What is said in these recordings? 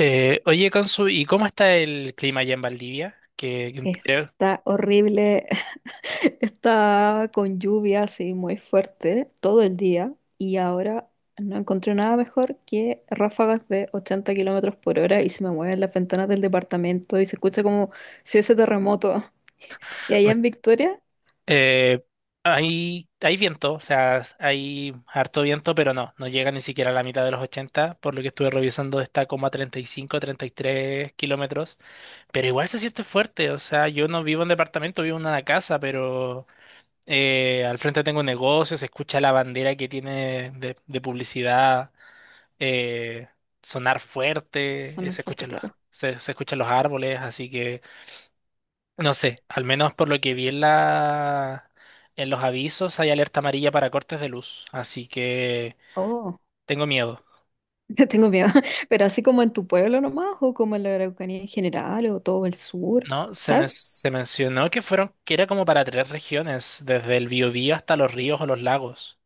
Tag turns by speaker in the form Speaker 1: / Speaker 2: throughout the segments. Speaker 1: Oye, Consu, ¿y cómo está el clima allá en Valdivia?
Speaker 2: Está horrible, está con lluvia así muy fuerte todo el día y ahora no encontré nada mejor que ráfagas de 80 kilómetros por hora y se me mueven las ventanas del departamento y se escucha como si hubiese terremoto. Y allá
Speaker 1: O-
Speaker 2: en Victoria
Speaker 1: eh, Hay, hay viento, o sea, hay harto viento, pero no llega ni siquiera a la mitad de los 80, por lo que estuve revisando está como a treinta y cinco, treinta y tres kilómetros, pero igual se siente fuerte, o sea, yo no vivo en departamento, vivo en una casa, pero al frente tengo un negocio, se escucha la bandera que tiene de publicidad eh, sonar fuerte,
Speaker 2: suena
Speaker 1: se
Speaker 2: fuerte,
Speaker 1: escuchan
Speaker 2: claro.
Speaker 1: se, se escuchan los árboles, así que no sé, al menos por lo que vi en en los avisos hay alerta amarilla para cortes de luz, así que
Speaker 2: Oh,
Speaker 1: tengo miedo.
Speaker 2: tengo miedo. Pero así como en tu pueblo nomás o como en la Araucanía en general o todo el sur,
Speaker 1: ¿No?
Speaker 2: ¿sabes?
Speaker 1: Se mencionó que fueron, que era como para tres regiones, desde el Biobío hasta los ríos o los lagos.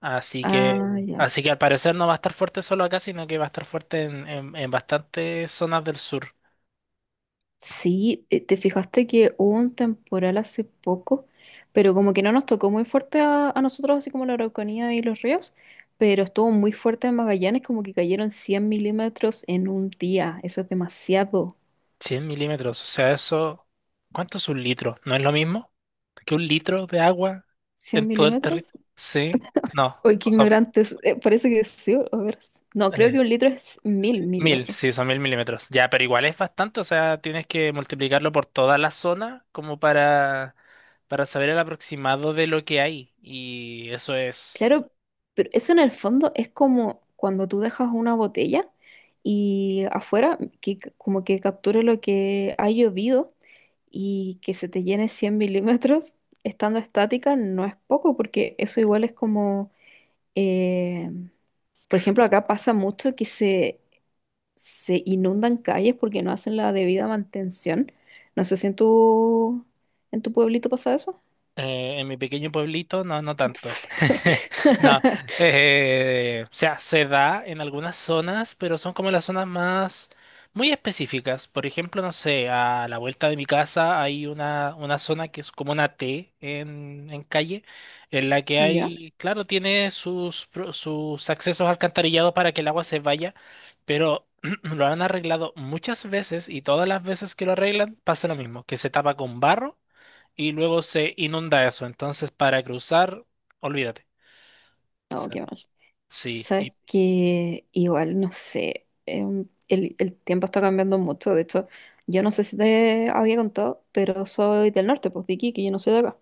Speaker 1: Así que,
Speaker 2: Ah, ya.
Speaker 1: Así que al parecer no va a estar fuerte solo acá, sino que va a estar fuerte en bastantes zonas del sur.
Speaker 2: Sí, te fijaste que hubo un temporal hace poco, pero como que no nos tocó muy fuerte a nosotros, así como la Araucanía y los ríos, pero estuvo muy fuerte en Magallanes, como que cayeron 100 milímetros en un día. Eso es demasiado.
Speaker 1: Cien milímetros, o sea, eso, ¿cuánto es un litro? ¿No es lo mismo que un litro de agua
Speaker 2: Cien
Speaker 1: en todo el territorio?
Speaker 2: milímetros?
Speaker 1: Sí, no,
Speaker 2: Uy, qué
Speaker 1: no son
Speaker 2: ignorantes. Parece que sí, a ver. No, creo que
Speaker 1: eh,
Speaker 2: un litro es mil
Speaker 1: mil, sí,
Speaker 2: milímetros.
Speaker 1: son mil milímetros. Ya, pero igual es bastante, o sea, tienes que multiplicarlo por toda la zona como para saber el aproximado de lo que hay. Y eso es...
Speaker 2: Claro, pero eso en el fondo es como cuando tú dejas una botella y afuera, que, como que captura lo que ha llovido y que se te llene 100 milímetros estando estática no es poco, porque eso igual es como, eh, por ejemplo, acá pasa mucho que se inundan calles porque no hacen la debida mantención. No sé si en en tu pueblito pasa eso.
Speaker 1: En mi pequeño pueblito, no, no
Speaker 2: En tu
Speaker 1: tanto.
Speaker 2: pueblito.
Speaker 1: No, o sea, se da en algunas zonas, pero son como las zonas más muy específicas. Por ejemplo, no sé, a la vuelta de mi casa hay una zona que es como una T en calle, en la que
Speaker 2: ¿Ya?
Speaker 1: hay, claro, tiene sus accesos alcantarillados para que el agua se vaya, pero lo han arreglado muchas veces y todas las veces que lo arreglan pasa lo mismo, que se tapa con barro y luego se inunda eso. Entonces, para cruzar, olvídate. O
Speaker 2: No,
Speaker 1: sea,
Speaker 2: qué mal.
Speaker 1: sí, y
Speaker 2: Sabes que igual, no sé, el tiempo está cambiando mucho. De hecho, yo no sé si te había contado, pero soy del norte, pues de Iquique, yo no soy de acá.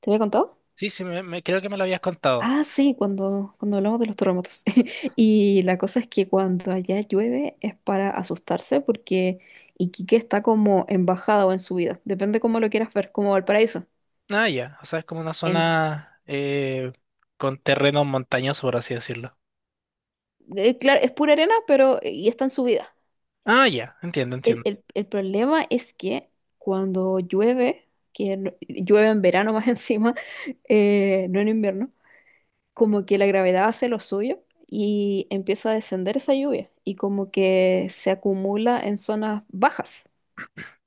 Speaker 2: ¿Te había contado?
Speaker 1: sí, sí, creo que me lo habías contado.
Speaker 2: Ah, sí, cuando hablamos de los terremotos. Y la cosa es que cuando allá llueve es para asustarse porque Iquique está como en bajada o en subida. Depende cómo lo quieras ver, como Valparaíso.
Speaker 1: Ah, ya, o sea, es como una
Speaker 2: En,
Speaker 1: zona con terreno montañoso, por así decirlo.
Speaker 2: claro, es pura arena, pero y está en subida.
Speaker 1: Ah, ya, entiendo,
Speaker 2: El,
Speaker 1: entiendo.
Speaker 2: el, el problema es que cuando llueve, que llueve en verano más encima, no en invierno, como que la gravedad hace lo suyo y empieza a descender esa lluvia y como que se acumula en zonas bajas.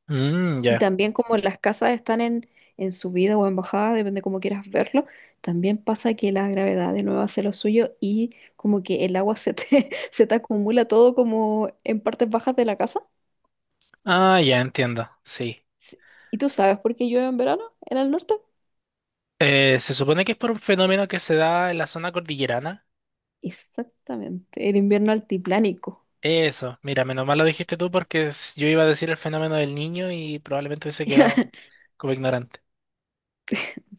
Speaker 1: Mm,
Speaker 2: Y
Speaker 1: ya.
Speaker 2: también como las casas están en subida o en bajada, depende cómo quieras verlo, también pasa que la gravedad de nuevo hace lo suyo y como que el agua se te acumula todo como en partes bajas de la casa.
Speaker 1: Ah, ya, entiendo, sí.
Speaker 2: Sí. ¿Y tú sabes por qué llueve en verano en el norte?
Speaker 1: Se supone que es por un fenómeno que se da en la zona cordillerana.
Speaker 2: Exactamente, el invierno altiplánico.
Speaker 1: Eso, mira, menos mal lo dijiste tú porque yo iba a decir el fenómeno del niño y probablemente hubiese quedado como ignorante.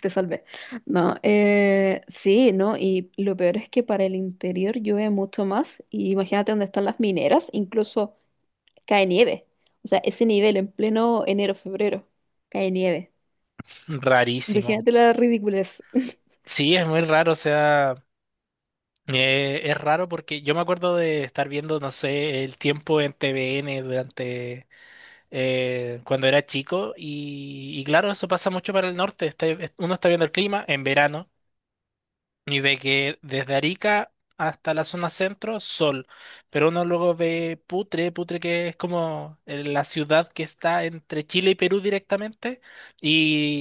Speaker 2: Te salvé. No, sí, ¿no? Y lo peor es que para el interior llueve mucho más. Y imagínate dónde están las mineras, incluso cae nieve. O sea, ese nivel en pleno enero, febrero, cae nieve.
Speaker 1: Rarísimo.
Speaker 2: Imagínate la ridiculez.
Speaker 1: Sí, es muy raro, o sea, es raro porque yo me acuerdo de estar viendo, no sé, el tiempo en TVN durante cuando era chico y claro, eso pasa mucho para el norte, uno está viendo el clima en verano y ve que desde Arica hasta la zona centro, sol. Pero uno luego ve Putre, Putre que es como la ciudad que está entre Chile y Perú directamente,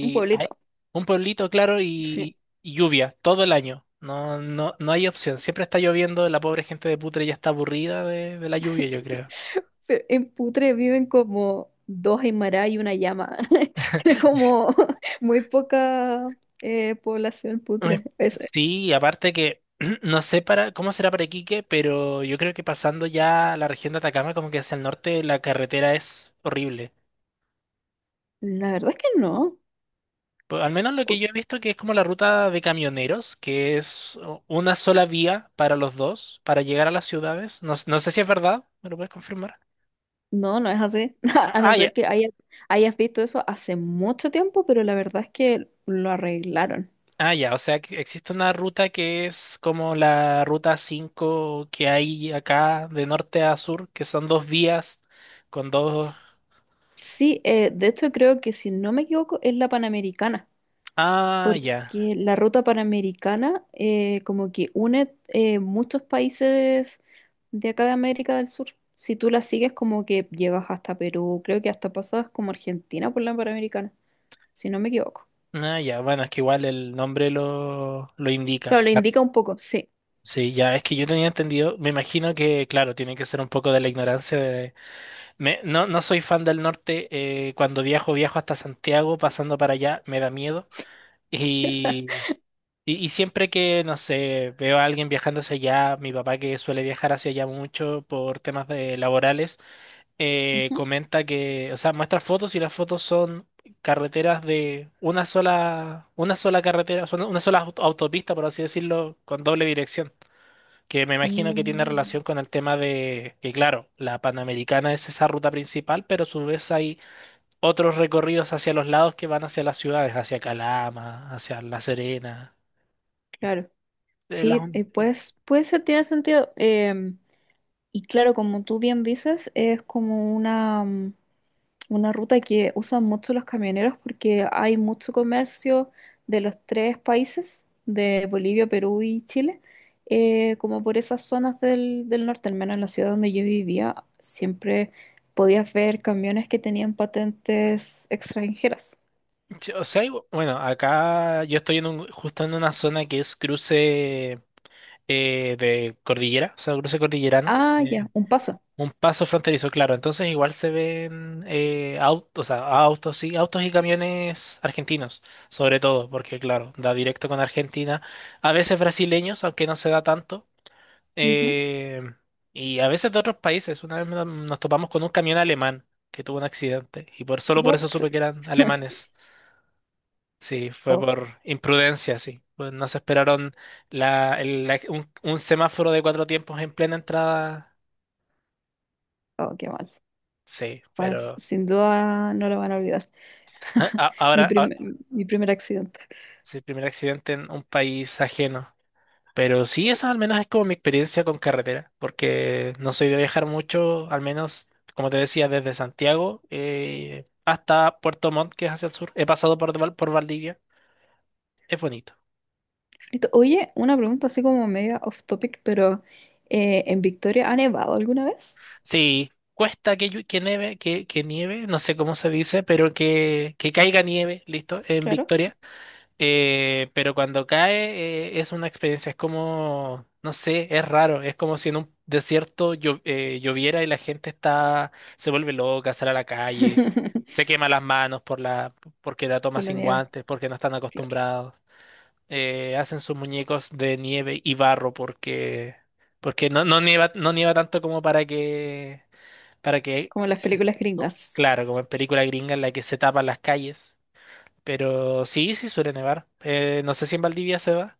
Speaker 2: Un
Speaker 1: hay
Speaker 2: pueblito.
Speaker 1: un pueblito, claro,
Speaker 2: Sí.
Speaker 1: y lluvia todo el año. No, no, no hay opción. Siempre está lloviendo, la pobre gente de Putre ya está aburrida de la lluvia, yo creo.
Speaker 2: Pero en Putre viven como dos Aymara y una llama. Tiene como muy poca población
Speaker 1: Me-
Speaker 2: Putre.
Speaker 1: Sí, aparte que no sé para cómo será para Iquique, pero yo creo que pasando ya a la región de Atacama, como que hacia el norte, la carretera es horrible.
Speaker 2: La verdad es que no.
Speaker 1: Pues, al menos lo que yo he visto que es como la ruta de camioneros, que es una sola vía para los dos, para llegar a las ciudades. No, no sé si es verdad, ¿me lo puedes confirmar?
Speaker 2: No, no es así.
Speaker 1: Ah,
Speaker 2: A no
Speaker 1: ah, ya.
Speaker 2: ser que hayas visto eso hace mucho tiempo, pero la verdad es que lo arreglaron.
Speaker 1: Ah, ya, o sea, que existe una ruta que es como la ruta 5 que hay acá de norte a sur, que son dos vías con dos...
Speaker 2: Sí, de hecho creo que si no me equivoco es la Panamericana,
Speaker 1: Ah, ya.
Speaker 2: porque la ruta Panamericana como que une muchos países de acá de América del Sur. Si tú la sigues como que llegas hasta Perú, creo que hasta pasas como Argentina por la Panamericana, si no me equivoco.
Speaker 1: Ah, ya, bueno, es que igual el nombre lo indica.
Speaker 2: Claro, lo
Speaker 1: Claro.
Speaker 2: indica un poco, sí.
Speaker 1: Sí, ya, es que yo tenía entendido, me imagino que, claro, tiene que ser un poco de la ignorancia. No, no soy fan del norte. Eh, cuando viajo, viajo hasta Santiago, pasando para allá, me da miedo. Y, y siempre que, no sé, veo a alguien viajando hacia allá, mi papá que suele viajar hacia allá mucho por temas de laborales,
Speaker 2: Ujú.
Speaker 1: comenta que, o sea, muestra fotos y las fotos son carreteras de una sola carretera, son una sola autopista, por así decirlo, con doble dirección que me imagino que tiene relación
Speaker 2: Mm,
Speaker 1: con el tema de que, claro, la Panamericana es esa ruta principal, pero a su vez hay otros recorridos hacia los lados que van hacia las ciudades, hacia Calama, hacia La Serena.
Speaker 2: claro.
Speaker 1: Eh, las
Speaker 2: Sí,
Speaker 1: un-
Speaker 2: pues, puede ser, tiene sentido. Em, y claro, como tú bien dices, es como una, mm, una ruta que usan mucho los camioneros porque hay mucho comercio de los tres países, de Bolivia, Perú y Chile, como por esas zonas del norte, al menos en la ciudad donde yo vivía, siempre podías ver camiones que tenían patentes extranjeras.
Speaker 1: Sí, o sea, bueno, acá yo estoy en justo en una zona que es cruce de cordillera, o sea, cruce cordillerano.
Speaker 2: Ah, ya, un paso.
Speaker 1: Un paso fronterizo, claro. Entonces igual se ven autos, o sea, autos, sí, autos y camiones argentinos, sobre todo, porque claro, da directo con Argentina. A veces brasileños, aunque no se da tanto.
Speaker 2: Ujú.
Speaker 1: eh, y a veces de otros países. Una vez nos topamos con un camión alemán que tuvo un accidente. Y por solo por eso
Speaker 2: What?
Speaker 1: supe que eran alemanes. Sí, fue
Speaker 2: Oh,
Speaker 1: por imprudencia, sí. Pues no se esperaron la, el- la- un semáforo de cuatro tiempos en plena entrada.
Speaker 2: oh, qué mal.
Speaker 1: Sí,
Speaker 2: Bueno,
Speaker 1: pero...
Speaker 2: sin duda no lo van a olvidar.
Speaker 1: Ah,
Speaker 2: Mi
Speaker 1: ahora,
Speaker 2: primer, mi primer accidente.
Speaker 1: sí, el primer accidente en un país ajeno. Pero sí, esa al menos es como mi experiencia con carretera, porque no soy de viajar mucho, al menos, como te decía, desde Santiago hasta Puerto Montt, que es hacia el sur. He pasado por Valdivia, es bonito.
Speaker 2: Listo. Oye, una pregunta así como media off topic, pero ¿en Victoria ha nevado alguna vez?
Speaker 1: Sí, cuesta que nieve, que nieve, no sé cómo se dice, pero que caiga nieve, listo, en
Speaker 2: Claro.
Speaker 1: Victoria. Pero cuando cae es una experiencia, es como, no sé, es raro, es como si en un desierto lloviera y la gente está, se vuelve loca, sale a la calle, se quema las manos por porque la toma
Speaker 2: Por la
Speaker 1: sin
Speaker 2: nieve,
Speaker 1: guantes, porque no están
Speaker 2: claro.
Speaker 1: acostumbrados, hacen sus muñecos de nieve y barro porque, porque no, no nieva, no nieva tanto como para para que,
Speaker 2: Como en las películas gringas.
Speaker 1: claro, como en película gringa en la que se tapan las calles. Pero sí, sí suele nevar. No sé si en Valdivia se da.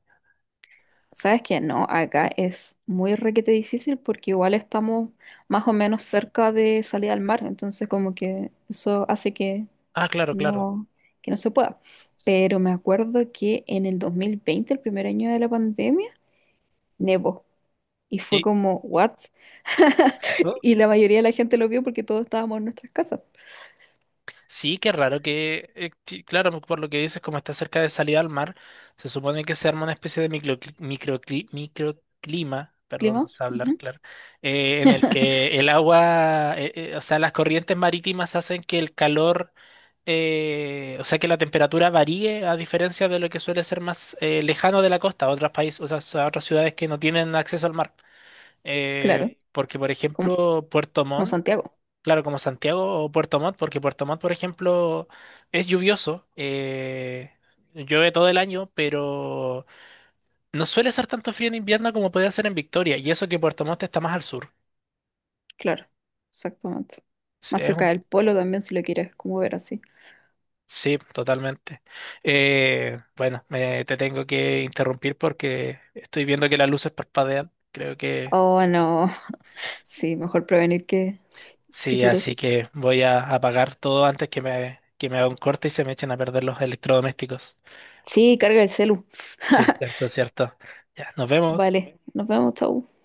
Speaker 2: ¿Sabes qué? No, acá es muy requete difícil porque igual estamos más o menos cerca de salida al mar, entonces como que eso hace
Speaker 1: Ah, claro, claro.
Speaker 2: no, que no se pueda. Pero me acuerdo que en el 2020 el primer año de la pandemia, nevó. Y fue
Speaker 1: Y-
Speaker 2: como, ¿what?
Speaker 1: oh,
Speaker 2: Y la mayoría de la gente lo vio porque todos estábamos en nuestras casas.
Speaker 1: sí, qué raro que, claro, por lo que dices, como está cerca de salida al mar, se supone que se arma una especie de microclima, perdón, no
Speaker 2: Clima,
Speaker 1: sé hablar,
Speaker 2: ujú.
Speaker 1: claro, en el que el agua, o sea, las corrientes marítimas hacen que el calor, o sea, que la temperatura varíe a diferencia de lo que suele ser más lejano de la costa, otros países, o sea, otras ciudades que no tienen acceso al mar. Eh,
Speaker 2: Claro,
Speaker 1: Porque, por
Speaker 2: como,
Speaker 1: ejemplo,
Speaker 2: como Santiago,
Speaker 1: Claro, como Santiago o Puerto Montt, porque Puerto Montt, por ejemplo, es lluvioso, llueve todo el año, pero no suele ser tanto frío en invierno como puede ser en Victoria, y eso que Puerto Montt está más al sur.
Speaker 2: claro, exactamente.
Speaker 1: Sí,
Speaker 2: Más cerca del polo también, si lo quieres como ver así.
Speaker 1: sí, totalmente. Bueno, te tengo que interrumpir porque estoy viendo que las luces parpadean, creo que...
Speaker 2: Oh, no, sí, mejor prevenir que
Speaker 1: Sí,
Speaker 2: curar.
Speaker 1: así que voy a apagar todo antes que que me haga un corte y se me echen a perder los electrodomésticos.
Speaker 2: Sí, carga el celu.
Speaker 1: Sí, cierto, cierto. Ya, nos vemos.
Speaker 2: Vale, nos vemos, chau.